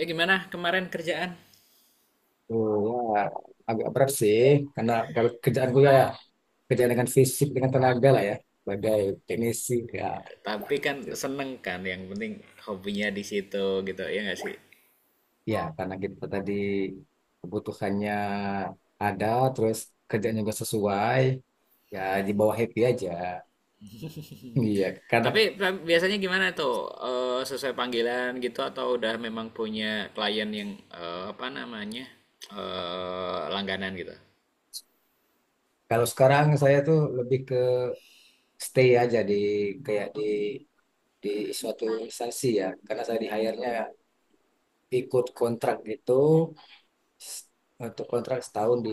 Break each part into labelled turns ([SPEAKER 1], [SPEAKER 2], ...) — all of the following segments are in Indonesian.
[SPEAKER 1] Gimana kemarin kerjaan?
[SPEAKER 2] Oh ya, agak berat sih karena kalau kerjaan gue ya, kerjaan dengan fisik dengan tenaga lah ya, sebagai teknisi ya
[SPEAKER 1] Tapi kan
[SPEAKER 2] gitu.
[SPEAKER 1] seneng kan yang penting hobinya di situ gitu ya nggak sih?
[SPEAKER 2] Ya karena kita tadi kebutuhannya ada, terus kerjaan juga sesuai ya, di bawah happy aja. Iya karena
[SPEAKER 1] Tapi biasanya gimana tuh. Sesuai panggilan gitu atau udah memang punya klien yang apa namanya langganan gitu?
[SPEAKER 2] kalau sekarang saya tuh lebih ke stay aja di kayak di suatu instansi ya karena saya di hire-nya ikut kontrak gitu, s- untuk kontrak setahun di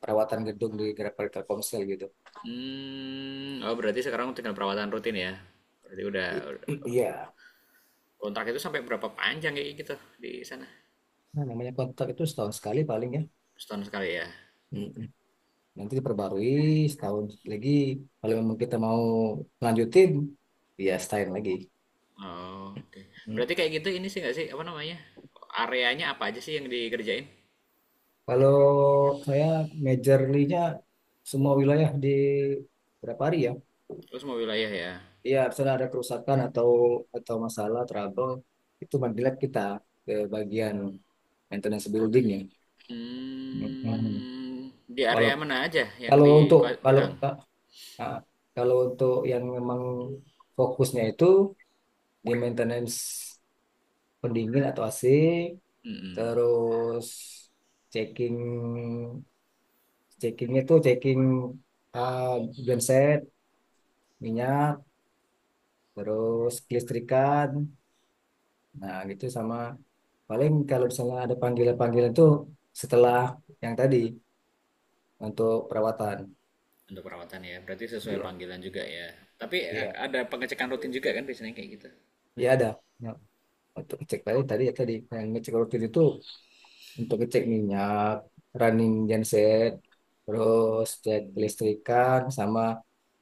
[SPEAKER 2] perawatan gedung di Telkomsel gitu.
[SPEAKER 1] Hmm, oh berarti sekarang tinggal perawatan rutin ya? Berarti
[SPEAKER 2] I- Iya.
[SPEAKER 1] kontrak itu sampai berapa panjang kayak gitu di sana?
[SPEAKER 2] Nah, namanya kontrak itu setahun sekali paling ya.
[SPEAKER 1] Setahun sekali ya?
[SPEAKER 2] Mm-mm. Nanti diperbarui setahun lagi. Kalau memang kita mau lanjutin, ya setahun lagi.
[SPEAKER 1] Oh, oke.
[SPEAKER 2] Mm.
[SPEAKER 1] Berarti kayak gitu ini sih nggak sih apa namanya? Areanya apa aja sih yang dikerjain?
[SPEAKER 2] Kalau saya majorly-nya semua wilayah di berapa hari ya?
[SPEAKER 1] Terus semua wilayah ya.
[SPEAKER 2] Iya, misalnya ada kerusakan atau masalah trouble, itu mandilat kita ke bagian maintenance building ya. Mm-mm.
[SPEAKER 1] Hmm, di
[SPEAKER 2] Walau
[SPEAKER 1] area mana aja yang
[SPEAKER 2] kalau untuk kalau
[SPEAKER 1] dipegang
[SPEAKER 2] Nah, kalau untuk yang memang fokusnya itu di maintenance pendingin atau AC, terus checking checkingnya tuh checking uh, genset, minyak, terus kelistrikan, nah gitu sama paling kalau misalnya ada panggilan-panggilan tuh setelah yang tadi untuk perawatan.
[SPEAKER 1] untuk perawatan ya? Berarti sesuai
[SPEAKER 2] Iya,
[SPEAKER 1] panggilan juga ya. Tapi
[SPEAKER 2] iya,
[SPEAKER 1] ada pengecekan rutin juga kan biasanya kayak gitu.
[SPEAKER 2] iya ada. Ya, untuk cek tadi tadi ya tadi yang ngecek rutin itu untuk ngecek minyak, running genset, terus cek kelistrikan, sama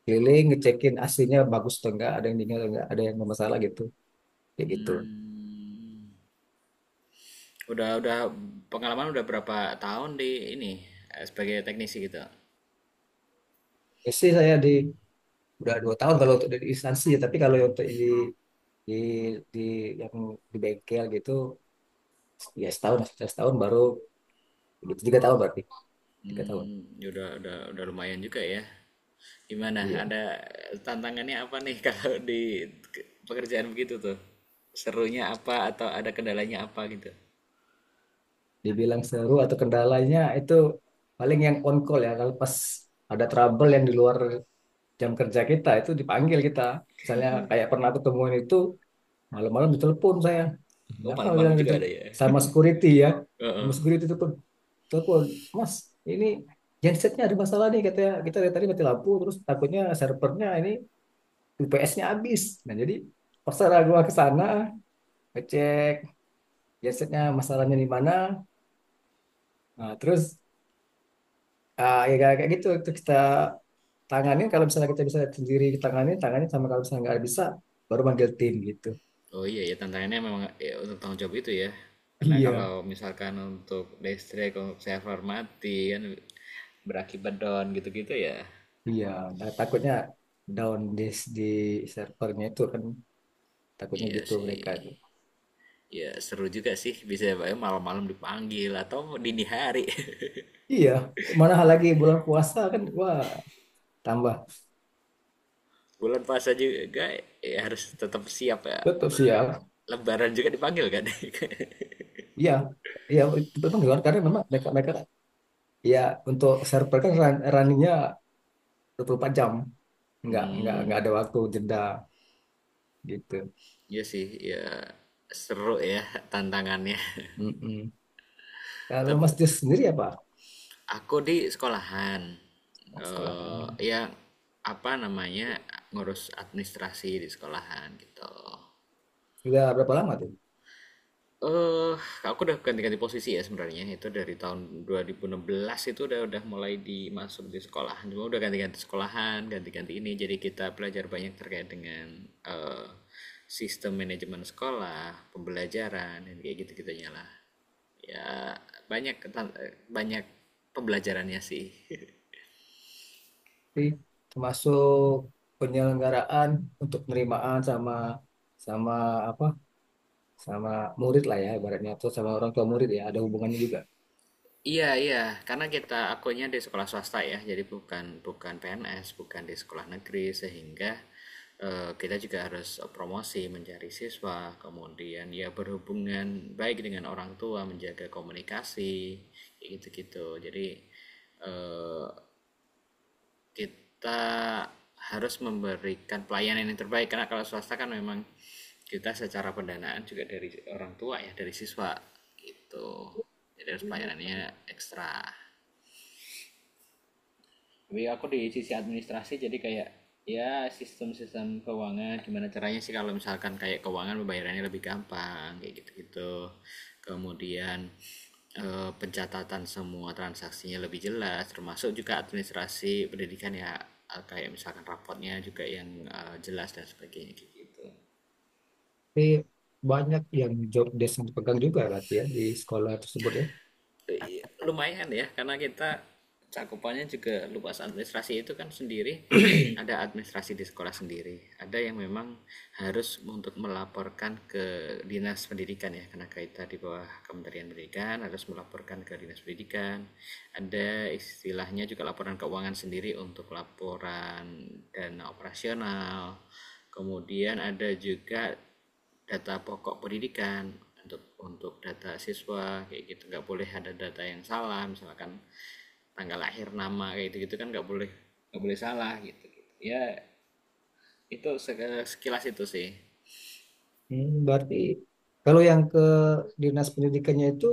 [SPEAKER 2] keliling ngecekin aslinya bagus atau enggak, ada yang dingin atau enggak, ada yang bermasalah gitu, kayak gitu.
[SPEAKER 1] Udah pengalaman udah berapa tahun di ini sebagai teknisi gitu.
[SPEAKER 2] Itu sih saya di udah dua tahun kalau untuk di instansi, ya, tapi kalau untuk di di yang di bengkel gitu, ya setahun, setahun baru gitu, tiga tahun berarti, tiga tahun.
[SPEAKER 1] Hmm, ya udah lumayan juga ya. Gimana?
[SPEAKER 2] Iya.
[SPEAKER 1] Ada tantangannya apa nih kalau di pekerjaan begitu tuh? Serunya apa atau ada kendalanya apa gitu?
[SPEAKER 2] Dibilang seru atau kendalanya itu paling yang on call ya, kalau pas ada trouble yang di luar jam kerja kita itu dipanggil kita. Misalnya kayak pernah ketemuan itu malam-malam ditelepon saya.
[SPEAKER 1] Oh,
[SPEAKER 2] Kenapa
[SPEAKER 1] malam-malam
[SPEAKER 2] bilang itu
[SPEAKER 1] juga ada ya.
[SPEAKER 2] sama security ya? Sama
[SPEAKER 1] Heeh.
[SPEAKER 2] security itu telepon, Mas, ini gensetnya ada masalah nih katanya. Kita dari tadi mati lampu terus takutnya servernya ini UPS-nya habis. Nah, jadi terserah gua ke sana ngecek gensetnya masalahnya di mana. Nah, terus ya kayak kayak gitu itu kita tanganin kalau misalnya kita bisa sendiri tanganin tanganin sama kalau misalnya nggak bisa baru manggil tim gitu.
[SPEAKER 1] Oh iya ya tantangannya memang ya, untuk tanggung jawab itu ya. Karena kalau
[SPEAKER 2] Iya,
[SPEAKER 1] misalkan untuk listrik, untuk server mati kan berakibat down gitu-gitu ya.
[SPEAKER 2] iya. Nah, takutnya down di servernya itu kan takutnya
[SPEAKER 1] Iya
[SPEAKER 2] gitu
[SPEAKER 1] sih.
[SPEAKER 2] mereka itu.
[SPEAKER 1] Ya seru juga sih bisa ya, malam-malam dipanggil atau dini hari.
[SPEAKER 2] Iya, mana hal lagi bulan puasa kan, wah tambah
[SPEAKER 1] Bulan puasa juga ya harus tetap siap ya.
[SPEAKER 2] betul sih ya.
[SPEAKER 1] Lebaran juga dipanggil kan.
[SPEAKER 2] Iya, iya itu memang down karena memang mereka mereka kan, ya untuk server kan run, runningnya 24 jam, nggak
[SPEAKER 1] Hmm,
[SPEAKER 2] ada waktu jeda gitu.
[SPEAKER 1] iya sih ya seru ya tantangannya.
[SPEAKER 2] Mm-mm. Kalau
[SPEAKER 1] Tapi
[SPEAKER 2] Mas Jus sendiri apa?
[SPEAKER 1] aku di sekolahan,
[SPEAKER 2] Oh, sekolah kan?
[SPEAKER 1] ya apa namanya ngurus administrasi di sekolahan gitu.
[SPEAKER 2] Sudah berapa lama tuh?
[SPEAKER 1] Eh, aku udah ganti-ganti posisi ya sebenarnya. Itu dari tahun 2016 itu udah mulai dimasuk di sekolahan. Cuma udah ganti-ganti sekolahan, ganti-ganti ini. Jadi kita belajar banyak terkait dengan sistem manajemen sekolah, pembelajaran, dan kayak gitu-gitunya lah. Ya banyak pembelajarannya sih.
[SPEAKER 2] Sih, termasuk penyelenggaraan untuk penerimaan sama sama apa sama murid lah ya ibaratnya atau sama orang tua murid ya ada hubungannya juga.
[SPEAKER 1] Iya, iya, karena kita akunya di sekolah swasta ya, jadi bukan bukan PNS, bukan di sekolah negeri, sehingga kita juga harus promosi mencari siswa, kemudian ya berhubungan baik dengan orang tua, menjaga komunikasi, kayak gitu-gitu. Jadi eh, kita harus memberikan pelayanan yang terbaik, karena kalau swasta kan memang kita secara pendanaan juga dari orang tua ya, dari siswa gitu. Jadi harus pelayanannya ekstra. Tapi aku di sisi administrasi jadi kayak ya sistem-sistem keuangan gimana caranya sih kalau misalkan kayak keuangan pembayarannya lebih gampang kayak gitu-gitu kemudian pencatatan semua transaksinya lebih jelas termasuk juga administrasi pendidikan ya kayak misalkan raportnya juga yang jelas dan sebagainya gitu.
[SPEAKER 2] Tapi banyak yang job desk yang dipegang juga berarti ya di sekolah tersebut ya.
[SPEAKER 1] Lumayan ya karena kita cakupannya juga luas administrasi itu kan sendiri ada administrasi di sekolah sendiri ada yang memang harus untuk melaporkan ke dinas pendidikan ya karena kita di bawah Kementerian Pendidikan harus melaporkan ke dinas pendidikan. Ada istilahnya juga laporan keuangan sendiri untuk laporan dana operasional kemudian ada juga data pokok pendidikan untuk data siswa kayak gitu nggak boleh ada data yang salah misalkan tanggal lahir nama kayak gitu gitu kan nggak boleh salah gitu, gitu. Ya itu sekilas itu sih.
[SPEAKER 2] Hmm, berarti kalau yang ke dinas pendidikannya itu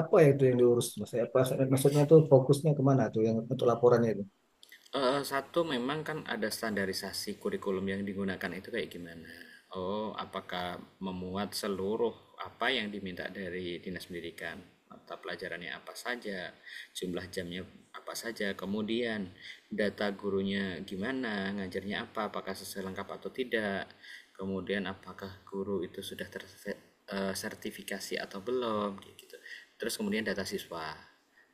[SPEAKER 2] apa ya itu yang diurus mas apa maksudnya tuh fokusnya kemana tuh yang untuk laporannya itu.
[SPEAKER 1] Satu memang kan ada standarisasi kurikulum yang digunakan itu kayak gimana, oh apakah memuat seluruh apa yang diminta dari dinas pendidikan, mata pelajarannya apa saja, jumlah jamnya apa saja, kemudian data gurunya gimana, ngajarnya apa, apakah sesuai lengkap atau tidak, kemudian apakah guru itu sudah tersertifikasi atau belum, gitu. Terus kemudian data siswa.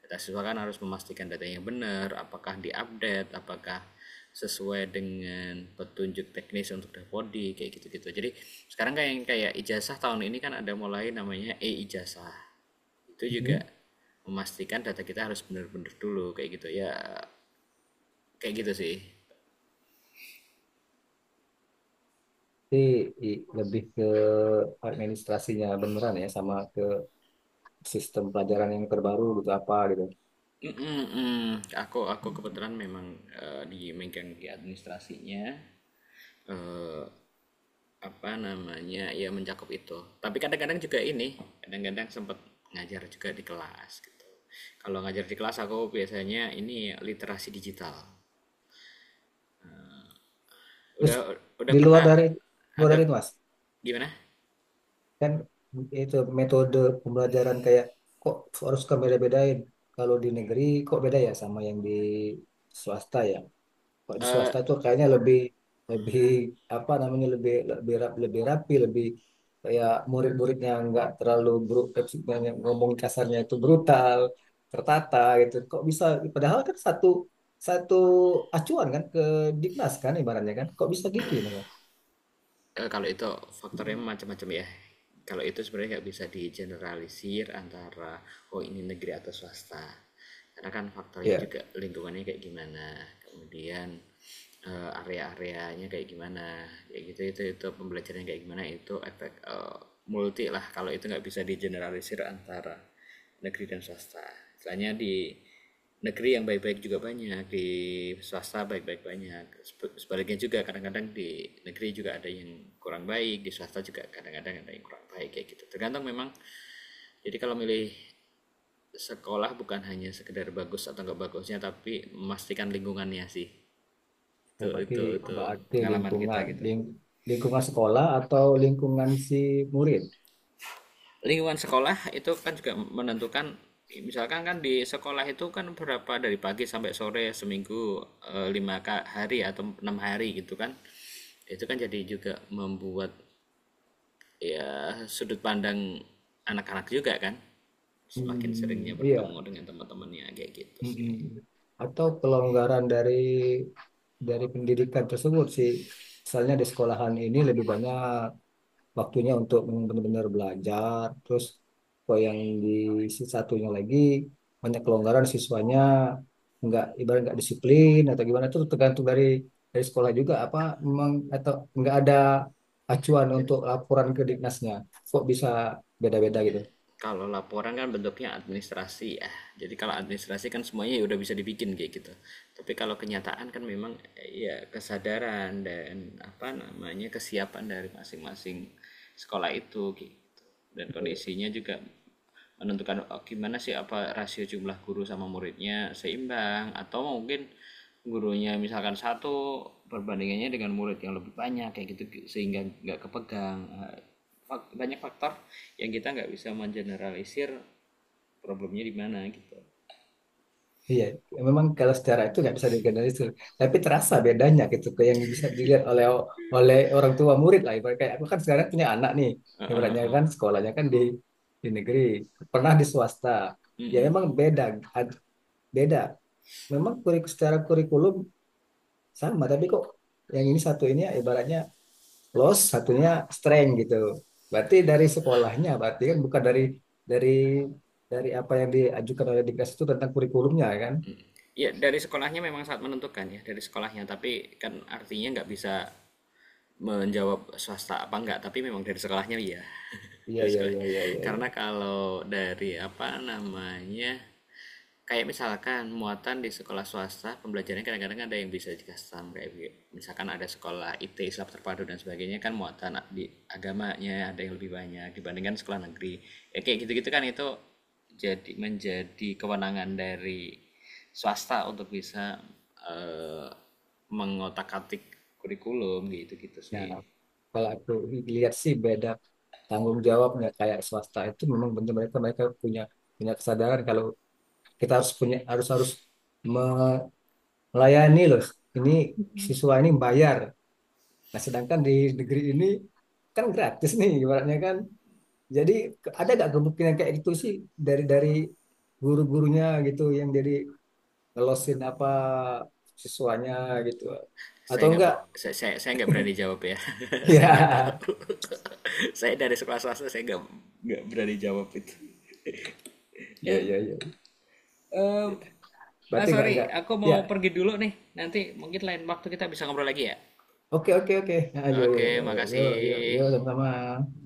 [SPEAKER 1] Data siswa kan harus memastikan datanya benar, apakah diupdate, apakah sesuai dengan petunjuk teknis untuk Davodi kayak gitu-gitu. Jadi sekarang kayak kayak ijazah tahun ini kan ada mulai namanya e-ijazah itu juga
[SPEAKER 2] Hmm.
[SPEAKER 1] memastikan data kita harus bener-bener dulu kayak gitu ya kayak gitu sih.
[SPEAKER 2] Jadi lebih ke administrasinya beneran ya sama ke sistem pelajaran yang terbaru gitu apa gitu.
[SPEAKER 1] Mm, mm, mm. Aku kebetulan memang di megang di administrasinya eh, apa namanya ya mencakup itu tapi kadang-kadang juga ini kadang-kadang sempat ngajar juga di kelas gitu kalau ngajar di kelas aku biasanya ini literasi digital
[SPEAKER 2] Terus
[SPEAKER 1] udah
[SPEAKER 2] di luar
[SPEAKER 1] pernah
[SPEAKER 2] dari, luar
[SPEAKER 1] ada
[SPEAKER 2] dari itu mas,
[SPEAKER 1] gimana.
[SPEAKER 2] kan itu metode pembelajaran kayak kok harus kan beda-bedain, kalau di negeri kok beda ya sama yang di swasta ya? Kalau di swasta tuh kayaknya lebih lebih apa namanya, lebih lebih rap lebih rapi, lebih kayak murid-muridnya nggak terlalu brut, banyak ngomong kasarnya itu brutal, tertata gitu. Kok bisa? Padahal kan satu satu acuan kan ke Dignas kan ibaratnya kan. Kok bisa gitu ya Bang?
[SPEAKER 1] Kalau itu faktornya macam-macam ya. Kalau itu sebenarnya nggak bisa digeneralisir antara oh ini negeri atau swasta. Karena kan faktornya
[SPEAKER 2] Ya.
[SPEAKER 1] juga lingkungannya kayak gimana, kemudian area-areanya kayak gimana, kayak gitu itu pembelajarannya kayak gimana itu efek multi lah. Kalau itu nggak bisa digeneralisir antara negeri dan swasta. Misalnya di negeri yang baik-baik juga banyak, di swasta baik-baik banyak. Sebaliknya juga kadang-kadang di negeri juga ada yang kurang baik, di swasta juga kadang-kadang ada yang kurang baik kayak gitu. Tergantung memang. Jadi kalau milih sekolah bukan hanya sekedar bagus atau nggak bagusnya, tapi memastikan lingkungannya sih.
[SPEAKER 2] Ya,
[SPEAKER 1] Itu
[SPEAKER 2] berarti
[SPEAKER 1] itu itu
[SPEAKER 2] berarti
[SPEAKER 1] pengalaman kita
[SPEAKER 2] lingkungan
[SPEAKER 1] gitu.
[SPEAKER 2] ling, lingkungan sekolah atau lingkungan si murid.
[SPEAKER 1] Lingkungan sekolah itu kan juga menentukan, misalkan kan di sekolah itu kan berapa dari pagi sampai sore seminggu 5 hari atau 6 hari gitu kan, itu kan jadi juga membuat ya sudut pandang anak-anak juga kan, semakin seringnya
[SPEAKER 2] Hmm,
[SPEAKER 1] bertemu
[SPEAKER 2] iya.
[SPEAKER 1] dengan teman-temannya kayak gitu sih.
[SPEAKER 2] Mm-mm. Atau kelonggaran dari pendidikan tersebut sih. Misalnya di sekolahan ini lebih banyak waktunya untuk benar-benar belajar. Terus kalau yang di si satunya lagi banyak kelonggaran siswanya, nggak ibarat nggak disiplin atau gimana, itu tergantung dari sekolah juga apa memang atau nggak ada acuan untuk laporan ke Ditnasnya. Kok bisa beda-beda gitu?
[SPEAKER 1] Kalau laporan kan bentuknya administrasi ya. Jadi kalau administrasi kan semuanya ya udah bisa dibikin kayak gitu. Tapi kalau kenyataan kan memang ya kesadaran dan apa namanya kesiapan dari masing-masing sekolah itu gitu. Dan kondisinya juga menentukan oh, gimana sih apa rasio jumlah guru sama muridnya seimbang atau mungkin gurunya misalkan satu perbandingannya dengan murid yang lebih banyak kayak gitu sehingga nggak kepegang. Banyak faktor yang kita nggak bisa mengeneralisir problemnya di mana gitu.
[SPEAKER 2] Iya, memang kalau secara itu nggak bisa digeneralisir. Tapi terasa bedanya gitu, ke yang bisa dilihat oleh oleh orang tua murid lah. Ibarat kayak aku kan sekarang punya anak nih,
[SPEAKER 1] Heeh,
[SPEAKER 2] ibaratnya
[SPEAKER 1] heeh.
[SPEAKER 2] kan sekolahnya kan di negeri, pernah di swasta. Ya memang beda, ad- beda. Memang kurik, secara kurikulum sama, tapi kok yang ini satu ini ya ibaratnya loss, satunya strength gitu. Berarti dari sekolahnya, berarti kan bukan dari dari dari apa yang diajukan oleh Dinkes itu tentang kurikulumnya kan?
[SPEAKER 1] Ya dari sekolahnya memang sangat menentukan ya dari sekolahnya tapi kan artinya nggak bisa menjawab swasta apa enggak tapi memang dari sekolahnya iya.
[SPEAKER 2] Iya,
[SPEAKER 1] Dari
[SPEAKER 2] iya, iya,
[SPEAKER 1] sekolahnya
[SPEAKER 2] iya,
[SPEAKER 1] karena
[SPEAKER 2] iya.
[SPEAKER 1] kalau dari apa namanya kayak misalkan muatan di sekolah swasta pembelajarannya kadang-kadang ada yang bisa di custom kayak misalkan ada sekolah IT Islam terpadu dan sebagainya kan muatan di agamanya ada yang lebih banyak dibandingkan sekolah negeri ya kayak gitu-gitu kan itu jadi menjadi kewenangan dari swasta untuk bisa eh, mengotak-atik kurikulum gitu gitu
[SPEAKER 2] Nah,
[SPEAKER 1] sih.
[SPEAKER 2] kalau aku lihat sih beda tanggung jawab, nggak kayak swasta itu memang benar mereka mereka punya punya kesadaran kalau kita harus punya, harus harus me- melayani loh. Ini siswa ini bayar. Nah, sedangkan di negeri ini kan gratis nih ibaratnya kan. Jadi ada nggak kemungkinan kayak gitu sih dari guru-gurunya gitu yang jadi ngelosin apa siswanya gitu
[SPEAKER 1] Saya
[SPEAKER 2] atau
[SPEAKER 1] nggak
[SPEAKER 2] enggak?
[SPEAKER 1] saya nggak berani jawab ya. Saya nggak tahu. Saya dari sekolah swasta saya nggak berani jawab itu.
[SPEAKER 2] Ya,
[SPEAKER 1] eh,
[SPEAKER 2] ya, ya,
[SPEAKER 1] em,
[SPEAKER 2] ya.
[SPEAKER 1] ah,
[SPEAKER 2] Berarti enggak
[SPEAKER 1] sorry
[SPEAKER 2] enggak.
[SPEAKER 1] aku mau
[SPEAKER 2] Ya.
[SPEAKER 1] pergi dulu nih, nanti mungkin lain waktu kita bisa ngobrol lagi ya.
[SPEAKER 2] Oke, oke, oke. Ayo,
[SPEAKER 1] Oke,
[SPEAKER 2] yo, yo, yo, yo,
[SPEAKER 1] makasih.
[SPEAKER 2] yo, yo, sama-sama.